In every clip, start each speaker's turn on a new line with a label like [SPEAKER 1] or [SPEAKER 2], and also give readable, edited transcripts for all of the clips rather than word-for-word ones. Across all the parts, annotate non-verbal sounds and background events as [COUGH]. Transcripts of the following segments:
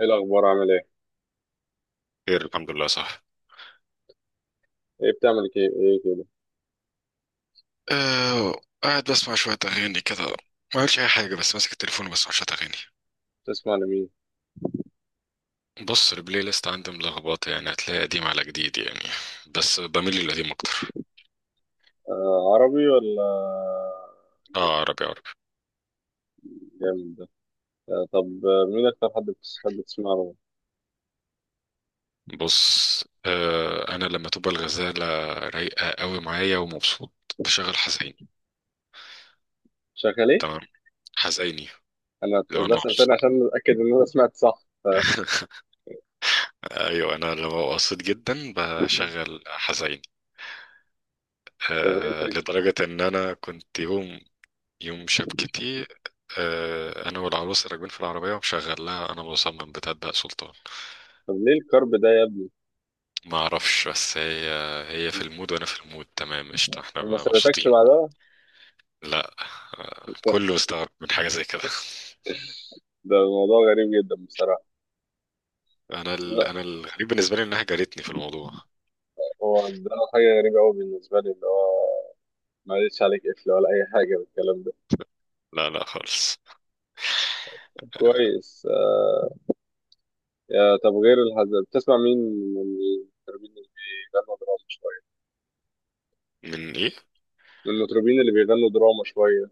[SPEAKER 1] ايه الاخبار؟ عامل ايه؟
[SPEAKER 2] خير الحمد لله، صح.
[SPEAKER 1] ايه بتعمل؟ ايه ايه كده؟
[SPEAKER 2] قاعد بسمع شوية أغاني كده، ما عملتش أي حاجة بس ماسك التليفون وبسمع شوية أغاني.
[SPEAKER 1] بتسمع لمين؟
[SPEAKER 2] بص، البلاي ليست عندي ملخبطة، يعني هتلاقي قديم على جديد يعني، بس بميل للقديم أكتر.
[SPEAKER 1] آه، عربي ولا
[SPEAKER 2] اه،
[SPEAKER 1] أجنبي؟
[SPEAKER 2] عربي عربي.
[SPEAKER 1] جامد ده. آه، طب مين اكتر حد بتحب تسمع له؟
[SPEAKER 2] بص أنا لما تبقى الغزالة رايقة قوي معايا ومبسوط بشغل حزيني.
[SPEAKER 1] شغال ايه؟
[SPEAKER 2] تمام، حزيني.
[SPEAKER 1] انا
[SPEAKER 2] لو أنا
[SPEAKER 1] بسأل تاني
[SPEAKER 2] مبسوط
[SPEAKER 1] عشان اتاكد ان انا سمعت صح [LAUGHS]
[SPEAKER 2] [LAUGHS] ايوه، انا لما ببقى مبسوط جدا بشغل حزين.
[SPEAKER 1] طب ايه الفكره؟
[SPEAKER 2] لدرجه ان انا كنت يوم، يوم شبكتي. انا والعروسه راكبين في العربيه ومشغل لها، انا مصمم بتبدأ سلطان.
[SPEAKER 1] طب ليه الكرب ده يا ابني؟
[SPEAKER 2] ما اعرفش، بس هي في المود وانا في المود، تمام قشطه، احنا
[SPEAKER 1] وما
[SPEAKER 2] بقى
[SPEAKER 1] سمعتكش
[SPEAKER 2] مبسوطين.
[SPEAKER 1] بعدها؟
[SPEAKER 2] لا.
[SPEAKER 1] ده
[SPEAKER 2] كله استغرب من حاجه زي كده [LAUGHS]
[SPEAKER 1] ده موضوع غريب جدا بصراحه. لا،
[SPEAKER 2] انا الغريب بالنسبه لي انها جارتني في الموضوع.
[SPEAKER 1] هو ده حاجه غريبه قوي بالنسبه لي، اللي هو ما قالتش عليك قفل ولا اي حاجه بالكلام ده؟
[SPEAKER 2] لا لا خالص.
[SPEAKER 1] كويس. يا طب، غير الهزل بتسمع مين من المطربين اللي بيغنوا دراما شوية؟
[SPEAKER 2] من ايه؟
[SPEAKER 1] من المطربين اللي بيغنوا دراما شوية.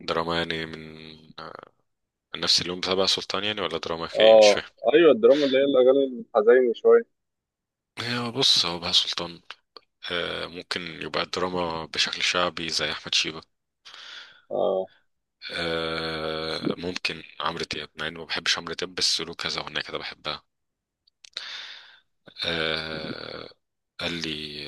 [SPEAKER 2] دراما يعني، من آه، نفس اليوم بتاع بقى سلطان يعني؟ ولا دراما ايه؟ مش
[SPEAKER 1] اه،
[SPEAKER 2] فاهم.
[SPEAKER 1] ايوه، الدراما اللي هي الاغاني الحزينة شوية.
[SPEAKER 2] هي بص، هو بقى سلطان ممكن يبقى الدراما بشكل شعبي زي احمد شيبة.
[SPEAKER 1] اه،
[SPEAKER 2] آه، ممكن عمرو دياب، مع اني ما بحبش عمرو دياب بس له كذا اغنيه كده بحبها. آه، قال لي،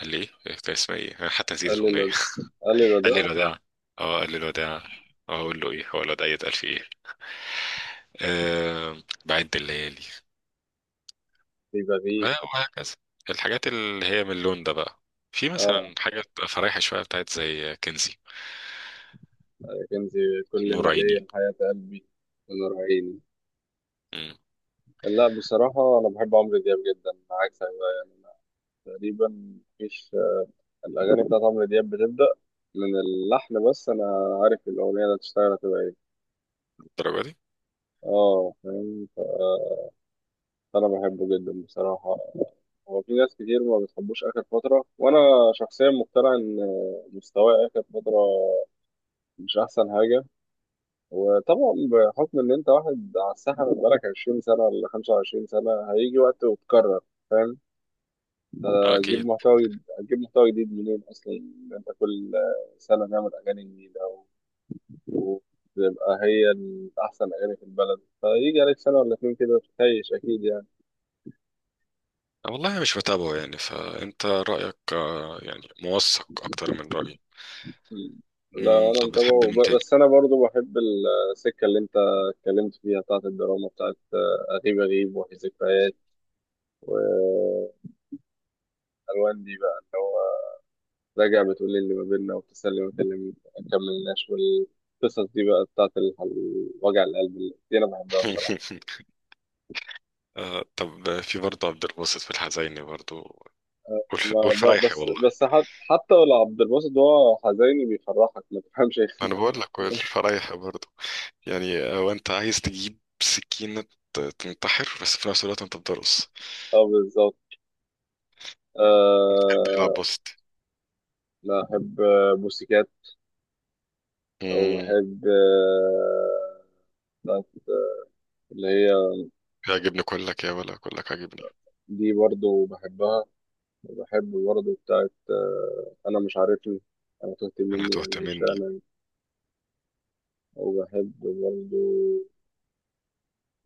[SPEAKER 2] قال لي إيه كان اسمها ايه؟ انا حتى نسيت
[SPEAKER 1] قال لي
[SPEAKER 2] الاغنيه.
[SPEAKER 1] الود- قال لي
[SPEAKER 2] [LAUGHS] قال لي
[SPEAKER 1] الوداع.
[SPEAKER 2] الوداع. اه، قال لي الوداع. اه، اقول له ايه؟ هو الوداع يتقال فيه ايه؟ آه، بعد الليالي.
[SPEAKER 1] في بغيب.
[SPEAKER 2] آه، وهكذا، الحاجات اللي هي من اللون ده بقى. في
[SPEAKER 1] اه،
[SPEAKER 2] مثلا حاجه بتبقى فرايحه شويه بتاعت زي كنزي،
[SPEAKER 1] يا كنزي، كل
[SPEAKER 2] نور
[SPEAKER 1] ما
[SPEAKER 2] عيني.
[SPEAKER 1] ليا الحياة قلبي ونور عيني.
[SPEAKER 2] مم،
[SPEAKER 1] لا، بصراحة أنا بحب عمرو دياب جدا، عكسك بقى، يعني أنا تقريبا مفيش، الأغاني بتاعت عمرو دياب بتبدأ من اللحن، بس أنا عارف الأغنية اللي هتشتغل هتبقى إيه.
[SPEAKER 2] الدرجه دي.
[SPEAKER 1] اه، فاهم. انا بحبه جدا بصراحه. هو في ناس كتير ما بتحبوش اخر فتره، وانا شخصيا مقتنع ان مستواه اخر فتره مش احسن حاجه. وطبعا بحكم ان انت واحد على الساحه بقالك 20 سنه ولا 25 سنه، هيجي وقت وتكرر، فاهم؟
[SPEAKER 2] آه،
[SPEAKER 1] هتجيب
[SPEAKER 2] اكيد.
[SPEAKER 1] محتوى هتجيب محتوى جديد منين اصلا، إن انت كل سنه نعمل اغاني جديده وتبقى هي احسن اغاني في البلد، فيجي عليك سنه ولا اتنين كده تخيش، اكيد يعني.
[SPEAKER 2] والله مش متابعه يعني، فانت رايك يعني موثق اكتر من رايي.
[SPEAKER 1] مم. لا،
[SPEAKER 2] مم،
[SPEAKER 1] انا
[SPEAKER 2] طب بتحب
[SPEAKER 1] متابعه
[SPEAKER 2] مين تاني؟
[SPEAKER 1] بس انا برضو بحب السكه اللي انت اتكلمت فيها بتاعت الدراما، بتاعت غريب، غريب، وفي ذكريات، والوان. دي بقى اللي هو راجع بتقول لي اللي ما بيننا، وبتسلم وتكلم ما كملناش، والقصص دي بقى بتاعت وجع القلب اللي دي انا بحبها بصراحه.
[SPEAKER 2] [LAUGHS] آه، طب في برضه عبد الباسط في الحزيني برضه،
[SPEAKER 1] ما ب...
[SPEAKER 2] والفرايحي،
[SPEAKER 1] بس
[SPEAKER 2] والله.
[SPEAKER 1] بس حت... حتى لو عبد الباسط هو حزيني بيفرحك ما تفهمش إيه.
[SPEAKER 2] أنا
[SPEAKER 1] [LAUGHS]
[SPEAKER 2] بقول لك والفرايحي برضه يعني، وأنت عايز تجيب سكينة تنتحر، بس في نفس الوقت أنت بتدرس.
[SPEAKER 1] اه، بالظبط.
[SPEAKER 2] بتحب يلعب
[SPEAKER 1] أه...
[SPEAKER 2] باسط؟
[SPEAKER 1] لا، احب بوسيكات.
[SPEAKER 2] مم،
[SPEAKER 1] وبحب بتاعت اللي هي.
[SPEAKER 2] يعجبني كلك يا ولا كلك عاجبني.
[SPEAKER 1] دي برضو بحبها. وبحب برضو بتاعت، أنا مش عارفني، أنا تهت
[SPEAKER 2] أنا
[SPEAKER 1] مني،
[SPEAKER 2] هتوهت
[SPEAKER 1] أنا مش
[SPEAKER 2] مني.
[SPEAKER 1] أنا. وبحب برضو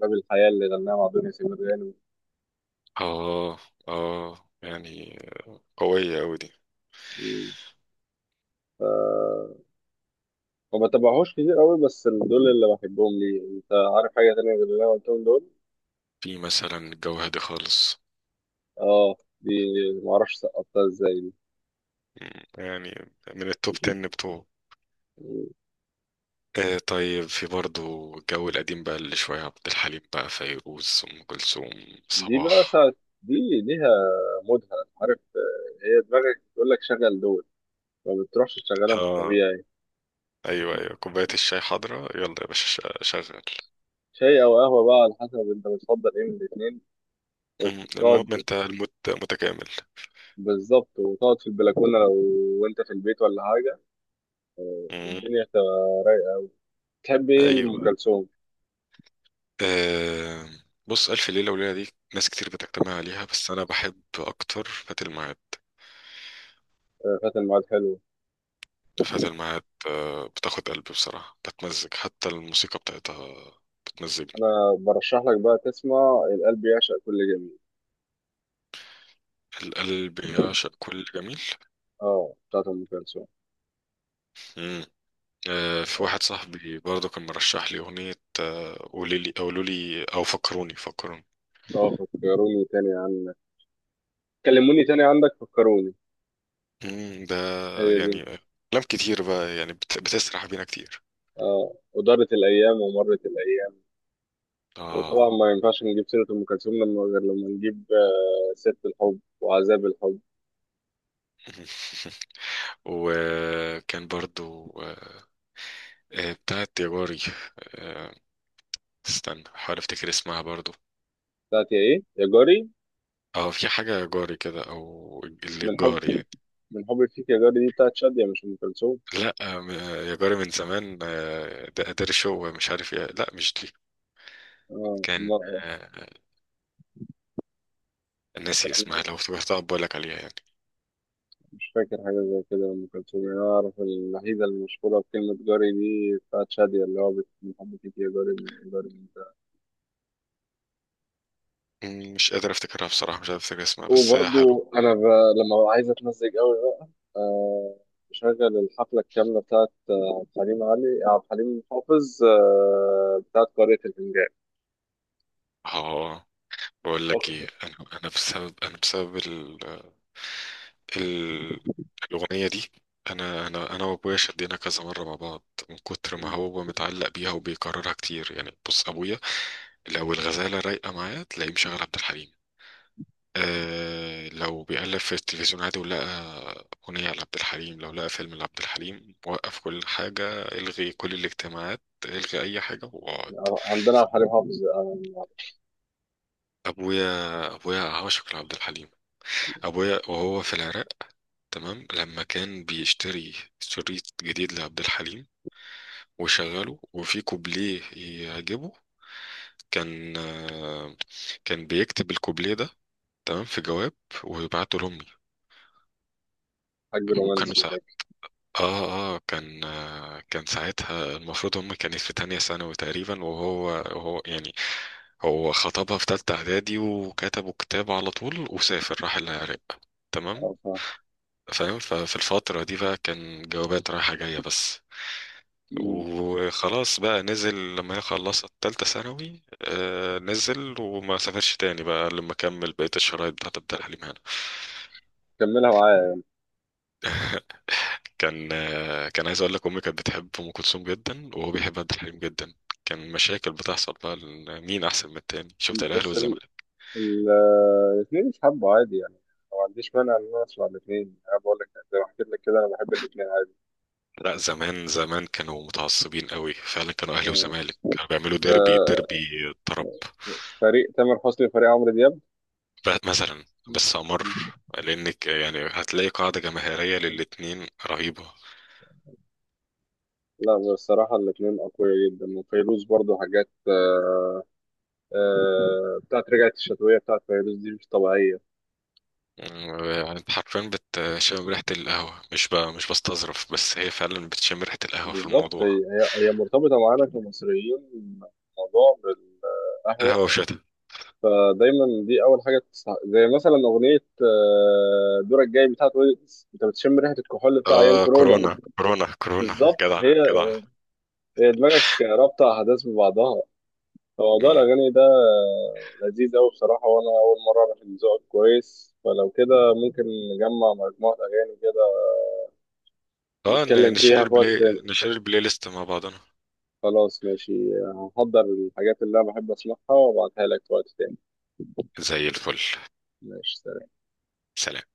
[SPEAKER 1] باب الحياة اللي غناها مع دنيا سمير غانم.
[SPEAKER 2] آه. آه يعني، قوية أوي دي.
[SPEAKER 1] ف... ما بتابعهوش كتير قوي، بس دول اللي بحبهم. ليه، انت عارف حاجة تانية غير اللي انا قلتهم دول؟
[SPEAKER 2] في مثلا الجو هادي خالص.
[SPEAKER 1] اه، دي ما اعرفش سقطتها ازاي دي.
[SPEAKER 2] مم، يعني من التوب 10 بتوعه. آه، طيب في برضو الجو القديم بقى، اللي شوية عبد الحليم بقى، فيروز، أم كلثوم،
[SPEAKER 1] دي بقى
[SPEAKER 2] صباح.
[SPEAKER 1] ساعة، دي ليها مودها، عارف؟ هي دماغك تقول لك شغل دول، ما بتروحش تشغلهم في
[SPEAKER 2] اه.
[SPEAKER 1] الطبيعي.
[SPEAKER 2] ايوه ايوه، كوباية الشاي حاضرة، يلا يا باشا، شغل.
[SPEAKER 1] شاي او قهوه بقى على حسب انت بتفضل ايه من الاثنين،
[SPEAKER 2] المهم
[SPEAKER 1] وتقعد.
[SPEAKER 2] انت الموت متكامل.
[SPEAKER 1] بالظبط، وتقعد في البلكونه، لو وانت في البيت ولا حاجه،
[SPEAKER 2] مم.
[SPEAKER 1] الدنيا هتبقى رايقه. تحب ايه لام
[SPEAKER 2] ايوه.
[SPEAKER 1] كلثوم؟
[SPEAKER 2] آه، بص، ألف ليلة وليلة دي ناس كتير بتجتمع عليها، بس أنا بحب أكتر فات الميعاد.
[SPEAKER 1] آه، فات الميعاد حلو.
[SPEAKER 2] فات الميعاد آه، بتاخد قلبي بصراحة، بتمزج حتى الموسيقى بتاعتها بتمزجني.
[SPEAKER 1] انا برشح لك بقى تسمع القلب يعشق كل جميل.
[SPEAKER 2] القلب يعشق كل جميل.
[SPEAKER 1] اه، بتاعت ام كلثوم.
[SPEAKER 2] آه، في
[SPEAKER 1] اه،
[SPEAKER 2] واحد صاحبي برضه كان مرشح لي أغنية قولي لي، قولوا لي أو فكروني فكروني.
[SPEAKER 1] فكروني تاني عنك، كلموني تاني عنك، فكروني.
[SPEAKER 2] ده
[SPEAKER 1] هي دي.
[SPEAKER 2] يعني أفلام كتير بقى يعني بتسرح بينا كتير.
[SPEAKER 1] اه، ودارت الايام ومرت الايام. وطبعا
[SPEAKER 2] آه.
[SPEAKER 1] ما ينفعش نجيب سيره ام كلثوم لما غير لما نجيب سيرة الحب وعذاب الحب.
[SPEAKER 2] [LAUGHS] وكان برضو بتاعت يا جاري. آه، استنى حاول افتكر اسمها برضو.
[SPEAKER 1] بتاعت يا ايه، يا جاري؟
[SPEAKER 2] اه، في حاجة يا جاري كده، او اللي
[SPEAKER 1] من حب
[SPEAKER 2] الجار يعني.
[SPEAKER 1] من حب فيك يا جاري، دي بتاعت شادية مش أم كلثوم.
[SPEAKER 2] لا يا جاري من زمان ده قدر شو مش عارف ايه، لا مش دي.
[SPEAKER 1] اه،
[SPEAKER 2] كان
[SPEAKER 1] لا.
[SPEAKER 2] آه، ناسي اسمها،
[SPEAKER 1] أنا
[SPEAKER 2] لو افتكرتها بقول لك عليها يعني.
[SPEAKER 1] مش فاكر حاجة زي كده لأم كلثوم. يعني أنا أعرف الوحيدة المشهورة بكلمة جاري دي بتاعت شادية، اللي هو من حب فيك يا جاري، من جاري من ده.
[SPEAKER 2] مم، مش قادر افتكرها بصراحة، مش قادر افتكر اسمها، بس هي حلو.
[SPEAKER 1] وبرضو لما ببقى عايز أتمزج أوي بقى، آه بشغل الحفلة الكاملة بتاعت عبد الحليم، علي عبد الحليم حافظ، بتاعت قارئة الفنجان.
[SPEAKER 2] اه. بقول لك ايه، انا انا بسبب، انا بسبب ال... الاغنية دي، انا وابويا شدينا كذا مرة مع بعض من كتر ما هو متعلق بيها وبيكررها كتير. يعني بص، ابويا لو الغزالة رايقة معايا تلاقيه مشغل عبد الحليم. آه، لو بيقلب في التلفزيون عادي ولقى أغنية لعبد الحليم، لو لقى فيلم لعبد الحليم، وقف كل حاجة، الغي كل الاجتماعات، الغي أي حاجة واقعد.
[SPEAKER 1] عندنا عبد الحليم حافظ، آه.
[SPEAKER 2] أبويا أبويا عاشق لعبد الحليم. أبويا وهو في العراق، تمام، لما كان بيشتري شريط جديد لعبد الحليم وشغله وفي كوبليه يعجبه، كان كان بيكتب الكوبليه ده، تمام، في جواب، ويبعته لأمي.
[SPEAKER 1] حاج رومانسي
[SPEAKER 2] وكانوا
[SPEAKER 1] شكله.
[SPEAKER 2] ساعات، اه كان كان ساعتها المفروض هم كانت في تانية ثانوي تقريبا، وهو يعني هو خطبها في تالتة اعدادي وكتبوا كتاب على طول وسافر راح العراق،
[SPEAKER 1] اه،
[SPEAKER 2] تمام.
[SPEAKER 1] فاهم.
[SPEAKER 2] فاهم، ففي الفترة دي بقى كان جوابات رايحة جاية بس.
[SPEAKER 1] مم.
[SPEAKER 2] وخلاص بقى نزل لما هي خلصت تالتة ثانوي، آه، نزل وما سافرش تاني بقى، لما كمل بقية الشرايط بتاعت عبد الحليم هنا.
[SPEAKER 1] كملها معايا.
[SPEAKER 2] كان كان عايز اقول لك، امي كانت بتحب ام كلثوم جدا، وهو بيحب عبد الحليم جدا، كان مشاكل بتحصل بقى لأن مين احسن من التاني، شفت الاهلي
[SPEAKER 1] بس
[SPEAKER 2] والزمالك.
[SPEAKER 1] ال- الاثنين مش حابه عادي يعني، ما عنديش مانع ان انا اسمع الاثنين. انا بقول لك زي ما حكيت لك كده، انا بحب الاثنين عادي.
[SPEAKER 2] لا زمان زمان كانوا متعصبين قوي فعلا، كانوا اهلي
[SPEAKER 1] آه.
[SPEAKER 2] وزمالك كانوا بيعملوا ديربي
[SPEAKER 1] آه.
[SPEAKER 2] ديربي طرب.
[SPEAKER 1] فريق تامر حسني وفريق عمرو دياب.
[SPEAKER 2] بقى مثلا
[SPEAKER 1] مم.
[SPEAKER 2] بس امر، لانك يعني هتلاقي قاعده جماهيريه
[SPEAKER 1] مم.
[SPEAKER 2] للاتنين رهيبه.
[SPEAKER 1] لا، بصراحة الاتنين أقوياء جدا. وفيروز برضو حاجات، بتاعت رجعت الشتوية، بتاعت فيروز دي مش طبيعية.
[SPEAKER 2] يعني انت حرفيا بتشم ريحه القهوه، مش بستظرف، بس هي فعلا بتشم ريحه القهوه في
[SPEAKER 1] بالظبط، هي
[SPEAKER 2] الموضوع.
[SPEAKER 1] هي هي مرتبطة معانا كمصريين موضوع بالقهوة.
[SPEAKER 2] قهوه وشتا.
[SPEAKER 1] دايما دي اول حاجه تسمع. زي مثلا اغنيه دورك جاي بتاعت ويجز، انت بتشم ريحه الكحول بتاع ايام
[SPEAKER 2] اه،
[SPEAKER 1] كورونا.
[SPEAKER 2] كورونا كورونا كورونا.
[SPEAKER 1] بالظبط.
[SPEAKER 2] جدع
[SPEAKER 1] هي
[SPEAKER 2] جدع.
[SPEAKER 1] هي دماغك رابطه احداث ببعضها. فموضوع
[SPEAKER 2] مم.
[SPEAKER 1] الاغاني ده لذيذ قوي بصراحه، وانا اول مره اعرف ان ذوقك كويس، فلو كده ممكن نجمع مجموعه اغاني كده،
[SPEAKER 2] اه،
[SPEAKER 1] نتكلم
[SPEAKER 2] نشير
[SPEAKER 1] فيها في وقت
[SPEAKER 2] البلاي،
[SPEAKER 1] تاني.
[SPEAKER 2] نشير البلاي ليست مع بعضنا.
[SPEAKER 1] خلاص، ماشي. هحضر الحاجات اللي انا بحب اسمعها وابعتها لك في وقت تاني.
[SPEAKER 2] زي الفل.
[SPEAKER 1] ماشي.
[SPEAKER 2] سلام.